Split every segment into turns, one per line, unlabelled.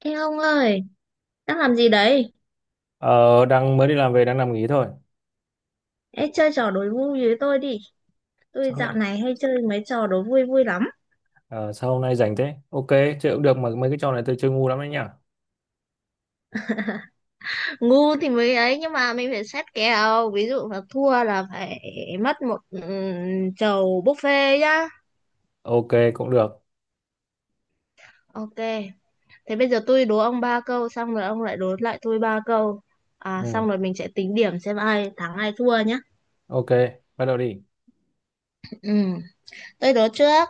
Ê ông ơi, đang làm gì đấy?
Ờ, Đang mới đi làm về, đang nằm nghỉ thôi.
Ê, chơi trò đố vui với tôi đi. Tôi
Sao
dạo
lại
này hay chơi mấy trò đố vui vui lắm.
ờ, Sao hôm nay rảnh thế? Ok, chơi cũng được mà mấy cái trò này tôi chơi ngu lắm đấy nhỉ.
Ngu thì mới ấy, nhưng mà mình phải xét kèo. Ví dụ là thua là phải mất một chầu buffet nhá.
Ok, cũng được.
Ok, thế bây giờ tôi đố ông ba câu, xong rồi ông lại đố lại tôi ba câu. À,
Ừ,
xong rồi mình sẽ tính điểm xem ai thắng ai thua nhá.
ok, bắt đầu đi.
Ừ, tôi đố trước.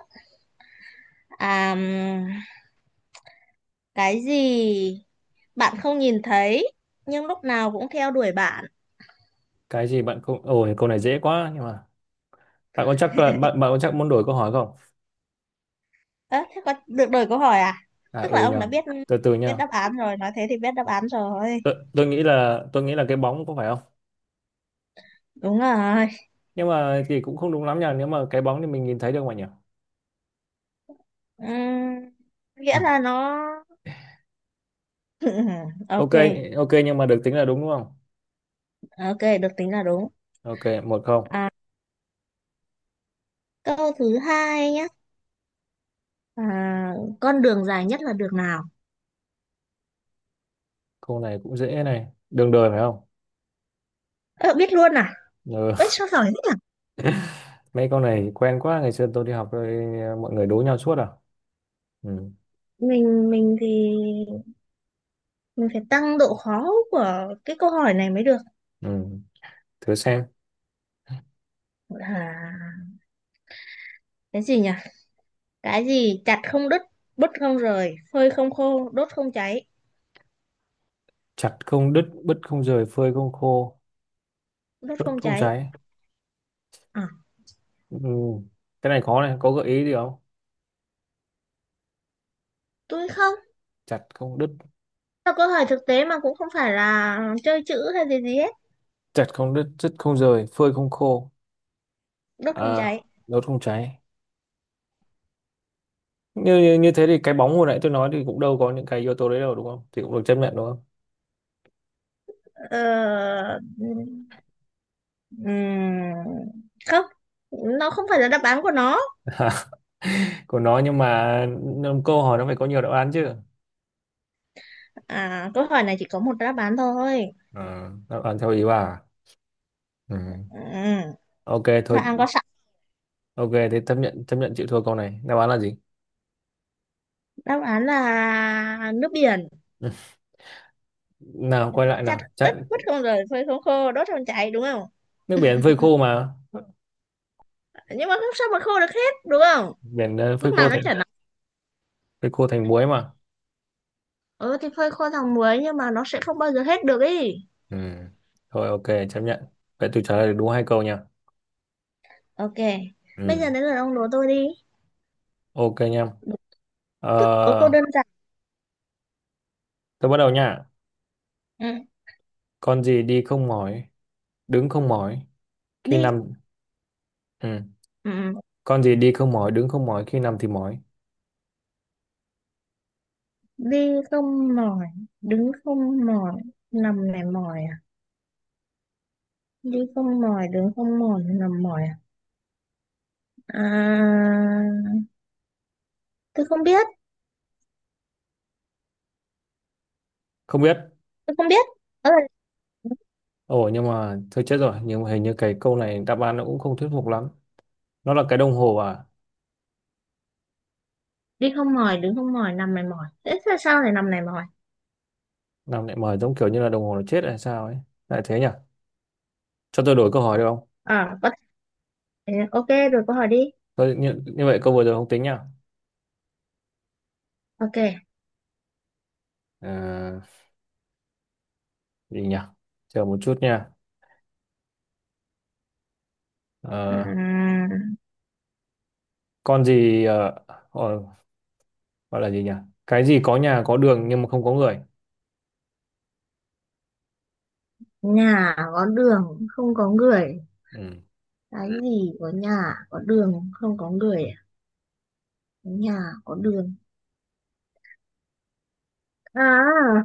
À, cái gì bạn không nhìn thấy, nhưng lúc nào cũng theo đuổi bạn?
Cái gì bạn cũng Ôi, câu này dễ quá, nhưng mà bạn có chắc muốn đổi câu hỏi không?
Ơ, thế có được đổi câu hỏi à?
À
Tức là
ừ
ông
nhờ.
đã biết
Từ từ
biết
nha.
đáp án rồi, nói thế thì biết đáp án rồi.
Tôi nghĩ là cái bóng, có phải không?
Đúng rồi.
Nhưng mà thì cũng không đúng lắm nhỉ, nếu mà cái bóng thì mình nhìn thấy được mà nhỉ.
Ừm, nghĩa
Ừ.
là nó. Ok,
Ok, ok, nhưng mà được tính là đúng, đúng không?
ok được tính là đúng.
Ok, 1-0.
À, câu thứ hai nhé. À, con đường dài nhất là đường nào?
Câu này cũng dễ này. Đường đời phải không?
Ờ, biết luôn à?
Ừ.
Ơi sao giỏi thế nhỉ?
Mấy con này quen quá, ngày xưa tôi đi học rồi mọi người đố nhau suốt à. Ừ.
Mình thì mình phải tăng độ khó của cái câu hỏi này mới được.
Ừ, thử xem.
À, cái gì nhỉ? Cái gì chặt không đứt, bứt không rời, phơi không khô, đốt không cháy,
Chặt không đứt, bứt không rời, phơi không khô,
đốt
đốt
không
không
cháy.
cháy.
À,
Ừ. Cái này khó này, có gợi ý gì không?
tôi không,
Chặt không đứt.
là câu hỏi thực tế mà cũng không phải là chơi chữ hay gì gì hết.
Chặt không đứt, đứt không rời, phơi không khô,
Đốt phòng
à,
cháy.
đốt không cháy. Như, như như thế thì cái bóng hồi nãy tôi nói thì cũng đâu có những cái yếu tố đấy đâu, đúng không, thì cũng được chấp nhận, đúng không?
Ờ, ừm, không, nó không phải là đáp án của nó.
Của nó, nhưng mà câu hỏi nó phải có nhiều đáp án chứ.
À, câu hỏi này chỉ có một đáp án thôi.
Ờ, Đáp án theo ý bà à? Ừ.
Ừ,
Ok
đáp
thôi.
án có sẵn.
Ok, thế chấp nhận, chấp nhận, chịu thua. Câu này đáp án là gì?
Đáp án là nước biển.
Nào, quay lại
Chặt
nào.
ướt
Chắc,
mất không, rồi phơi không khô, đốt phòng cháy, đúng không?
nước biển phơi khô mà.
Nhưng mà không sao mà khô được hết đúng không?
Biển phơi
Lúc nào
khô
nó
thành,
chảy nóng.
phơi khô thành muối mà.
Ừ thì phơi khô thằng muối, nhưng mà nó sẽ không bao giờ hết được ý.
Ừ. Thôi ok, chấp nhận. Vậy tôi trả lời được đúng hai câu nha.
Ok, bây
Ừ.
giờ đến lượt ông đố tôi đi.
Ok nha.
Tức là có câu
ờ,
đơn giản.
tôi bắt đầu nha.
Ừ.
Con gì đi không mỏi, đứng không mỏi, khi
Đi.
nằm. Ừ.
Ừ,
Con gì đi không mỏi, đứng không mỏi, khi nằm thì mỏi.
đi không mỏi, đứng không mỏi, nằm này mỏi à? Đi không mỏi, đứng không mỏi, nằm mỏi à? À, tôi không biết.
Không biết.
Tôi không biết. Đó là
Ồ, nhưng mà thôi chết rồi, nhưng mà hình như cái câu này đáp án nó cũng không thuyết phục lắm. Nó là cái đồng hồ à?
đi không mỏi, đứng không mỏi, nằm này mỏi, thế sao sao lại nằm này mỏi?
Năm lại mời, giống kiểu như là đồng hồ nó chết hay sao ấy. Lại thế nhỉ. Cho tôi đổi câu hỏi được không?
Ờ, có thể ok rồi, câu hỏi đi.
Như vậy câu vừa rồi không tính nhá.
Ok.
À, gì nhỉ? Chờ một chút nha. Ờ,
Ừm,
con gì ờ, gọi là gì nhỉ? Cái gì có nhà, có đường nhưng mà không có người?
nhà có đường không có người.
Ừ.
Cái gì có nhà có đường không có người à? Nhà có đường. À,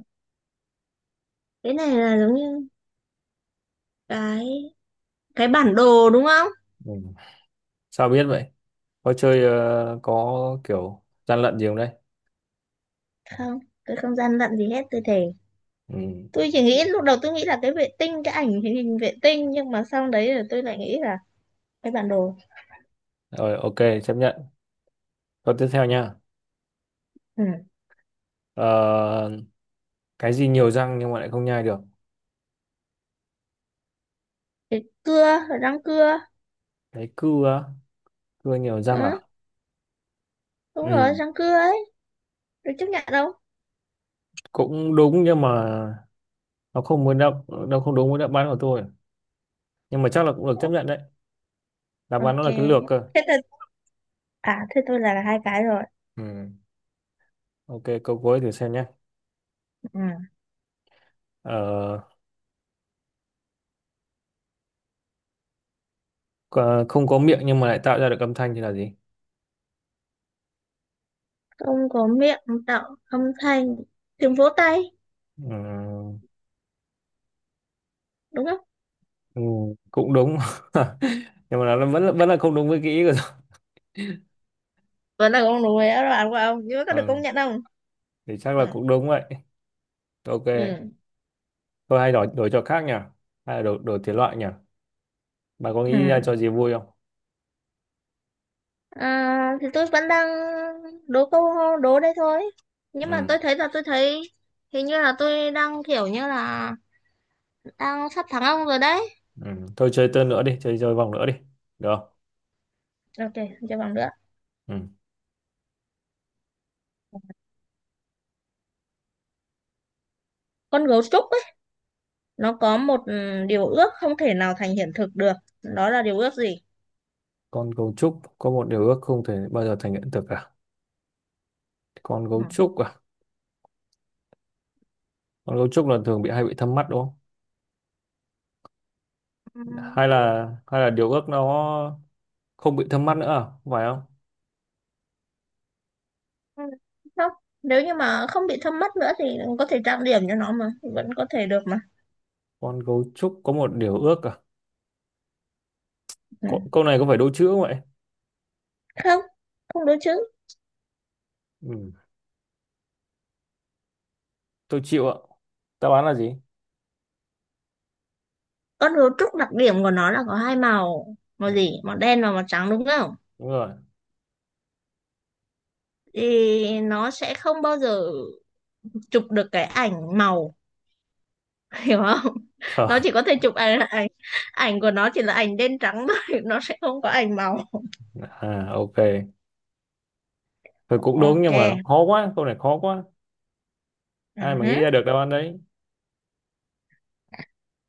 cái này là giống như cái cái bản đồ đúng không?
Ừ. Sao biết vậy, có chơi có kiểu gian lận gì không đấy?
Không, tôi không gian lận gì hết, tôi thề.
Ừ.
Tôi chỉ nghĩ lúc đầu, tôi nghĩ là cái vệ tinh, cái ảnh hình hình vệ tinh, nhưng mà sau đấy là tôi lại nghĩ là cái bản đồ.
Rồi, ok, chấp nhận. Câu tiếp theo nha.
Ừ.
Ờ, cái gì nhiều răng nhưng mà lại không nhai được?
Cái cưa, răng cưa.
Cái cưa á? Cưa nhiều răng
Ừ.
à?
Đúng
Ừ,
rồi, răng cưa ấy. Được chấp nhận đâu.
cũng đúng, nhưng mà nó không muốn đáp, nó không đúng với đáp án của tôi, nhưng mà chắc là cũng được chấp nhận đấy. Đáp án nó
Ok,
là cái lược cơ.
thế tôi, à thế tôi là hai cái rồi.
Ừ. Ok, câu cuối thử xem nhé.
Ừ.
ờ, Không có miệng nhưng mà lại tạo ra được âm thanh thì là gì?
Không có miệng tạo âm thanh, tiếng vỗ tay,
Ừ.
đúng không?
Ừ, cũng đúng nhưng mà nó vẫn là, không đúng với cái ý của tôi.
Vẫn là con đùi đó bạn của ông, nhưng mà có được công
Ừ.
nhận không?
Thì chắc
Ừ.
là cũng đúng vậy. Ok.
Ừ.
Tôi hay đổi đổi cho khác nhỉ, hay là đổi đổi thể loại nhỉ? Bà có nghĩ ra cho
Ừ.
gì vui không?
À, thì tôi vẫn đang đố câu đố đây thôi, nhưng mà
Ừ.
tôi thấy là tôi thấy hình như là tôi đang kiểu như là đang sắp thắng ông rồi đấy.
Ừ, thôi chơi tên nữa đi, chơi chơi vòng nữa đi, được không?
Ok, cho bằng nữa.
Ừ.
Con gấu trúc ấy, nó có một điều ước không thể nào thành hiện thực được. Đó là điều ước gì?
Con gấu trúc có một điều ước không thể bao giờ thành hiện thực cả. Con gấu trúc à? Con gấu trúc là thường bị, hay bị thâm mắt đúng không?
Ừ.
Hay là điều ước nó không bị thâm mắt nữa à? Không phải không?
Không, nếu như mà không bị thâm mắt nữa thì có thể trang điểm cho nó mà, vẫn có thể được mà.
Con gấu trúc có một điều ước à?
Ừ.
Câu này có phải đố chữ không vậy?
Không, không đúng chứ.
Ừ. Tôi chịu ạ. Đáp án là gì?
Con gấu trúc đặc điểm của nó là có hai màu, màu
Ừ.
gì, màu đen và màu trắng, đúng không?
Đúng rồi.
Thì nó sẽ không bao giờ chụp được cái ảnh màu. Hiểu không? Nó
Khờ.
chỉ có thể chụp ảnh ảnh ảnh của nó chỉ là ảnh đen trắng thôi. Nó sẽ không có ảnh màu.
À, ok, thôi cũng đúng,
Ok.
nhưng mà nó khó quá, câu này khó quá.
Ừ
Ai mà nghĩ
hứ,
ra được đáp án đấy.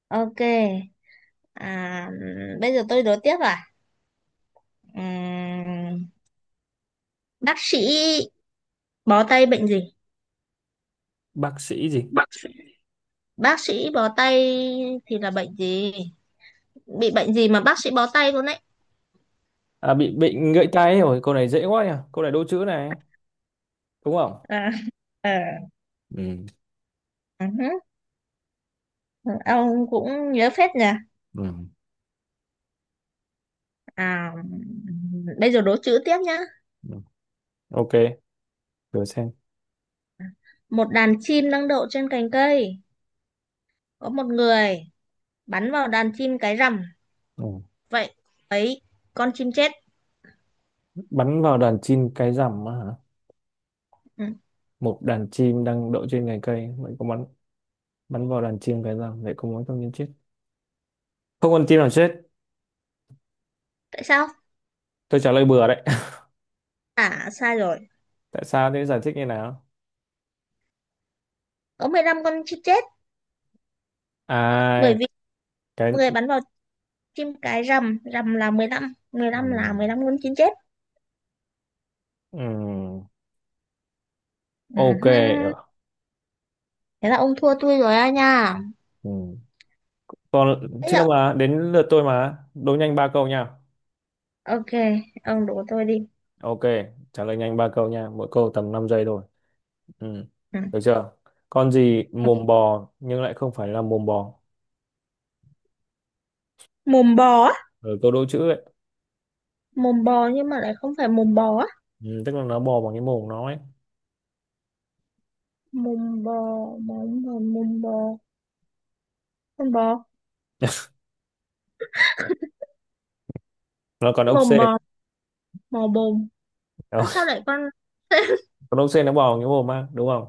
ok. À, bây giờ tôi đố tiếp à. Ừm, bác sĩ bó tay bệnh gì?
Bác sĩ gì?
Bác sĩ bó tay thì là bệnh gì? Bị bệnh gì mà bác sĩ bó tay luôn đấy?
À, bị bệnh gãy tay rồi, câu này dễ quá nhỉ. Câu này đố chữ này, đúng không?
À, ờ,
Ừ.
ừ hứ, ừ, ông cũng nhớ phết nhỉ.
Ừ.
À, bây giờ đố chữ tiếp nhá.
Ừ. Ok, thử xem.
Một đàn chim đang đậu trên cành cây, có một người bắn vào đàn chim cái rằm.
Ừ.
Vậy ấy, con chim chết.
Bắn vào đàn chim cái rằm á hả?
Ừ.
Một đàn chim đang đậu trên cành cây, vậy có bắn bắn vào đàn chim cái rằm, vậy có muốn không nhân chết? Không con chim nào chết.
Tại sao?
Tôi trả lời bừa đấy.
À sai rồi,
Tại sao thế, giải thích như nào?
có 15 con chim chết.
À,
Bởi vì
cái
người bắn vào chim cái rằm, rằm là 15, mười
ừ.
lăm là 15 con chim chết.
Ừ. Ok.
Ừ. Thế là ông thua tôi rồi á nha.
Ừ. Còn
Thế
chưa
ạ?
mà, đến lượt tôi mà. Đố nhanh ba câu nha.
Ok, ông đổ tôi đi.
Ok, trả lời nhanh ba câu nha. Mỗi câu tầm 5 giây thôi. Ừ.
Ừ.
Được chưa? Con gì mồm bò nhưng lại không phải là mồm bò?
Mồm bò á?
Ừ, câu đố chữ ấy.
Mồm bò nhưng mà lại không phải mồm bò á?
Ừ, tức là nó bò bằng cái mồm nó ấy.
Mồm bò, mồm bò, mồm bò, con bò,
Nó còn ốc
mồm
sên.
bò, mồm bồm.
Đó.
Sao lại con.
Còn ốc sên nó bò bằng cái mồm á, đúng không?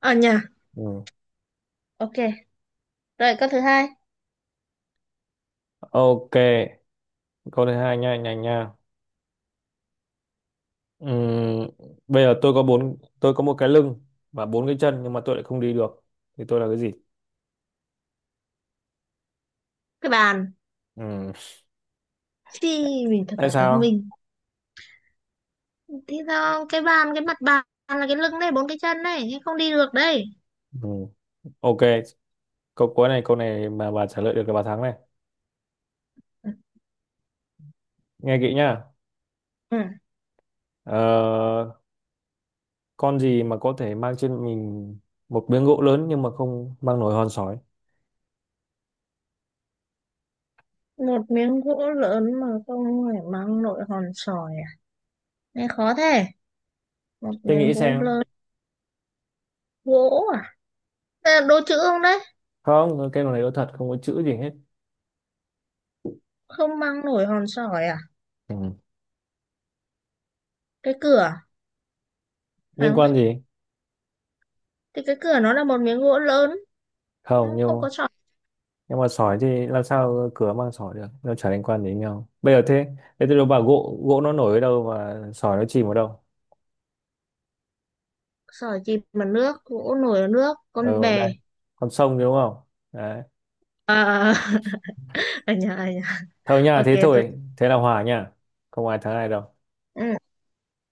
Ở nhà,
Ừ.
ok rồi câu thứ hai.
Ok, câu thứ hai nha, nhanh nha. Ừ. Bây giờ tôi có một cái lưng và bốn cái chân nhưng mà tôi lại không đi được, thì tôi là cái gì?
Cái bàn.
Ừ.
Thì mình thật
Tại
là thông
sao?
minh. Thế sao cái bàn, cái mặt bàn là cái lưng này, bốn cái chân này, thế không đi được đây.
Ừ. Ok, câu cuối này, câu này mà bà trả lời được là bà thắng này. Nghe kỹ nhá.
Ừ.
ờ, con gì mà có thể mang trên mình một miếng gỗ lớn nhưng mà không mang nổi hòn sỏi?
Một miếng gỗ lớn mà không phải mang nội hòn sỏi à? Nghe khó thế. Một
Tôi
miếng
nghĩ
gỗ
xem.
lớn, gỗ à? Đây là đố chữ không đấy?
Không, cái này có thật, không có chữ gì hết.
Không mang nổi hòn sỏi à?
Ừ.
Cái cửa, phải
Liên
không ta?
quan gì.
Thì cái cửa nó là một miếng gỗ lớn,
Không,
không có sỏi.
nhưng mà sỏi thì làm sao cửa mang sỏi được, nó chả liên quan gì đến nhau bây giờ thế. Thế tôi đâu bảo gỗ gỗ nó nổi ở đâu mà sỏi nó chìm ở đâu.
Sỏi chìm mà nước, gỗ nổi ở nước, con
Ở đây
bè.
con sông, đúng không? Đấy.
À, ở nhà, ở nhà.
Thôi nha,
Ok,
thế
tôi.
thôi, thế là hòa nha. Không ai thắng ai đâu.
Ừ,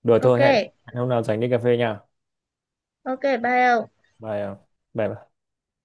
Đùa
ok,
thôi. Hẹn hẹn hôm nào rảnh đi cà phê nha.
ok, bye ông.
Bye. Bye bye.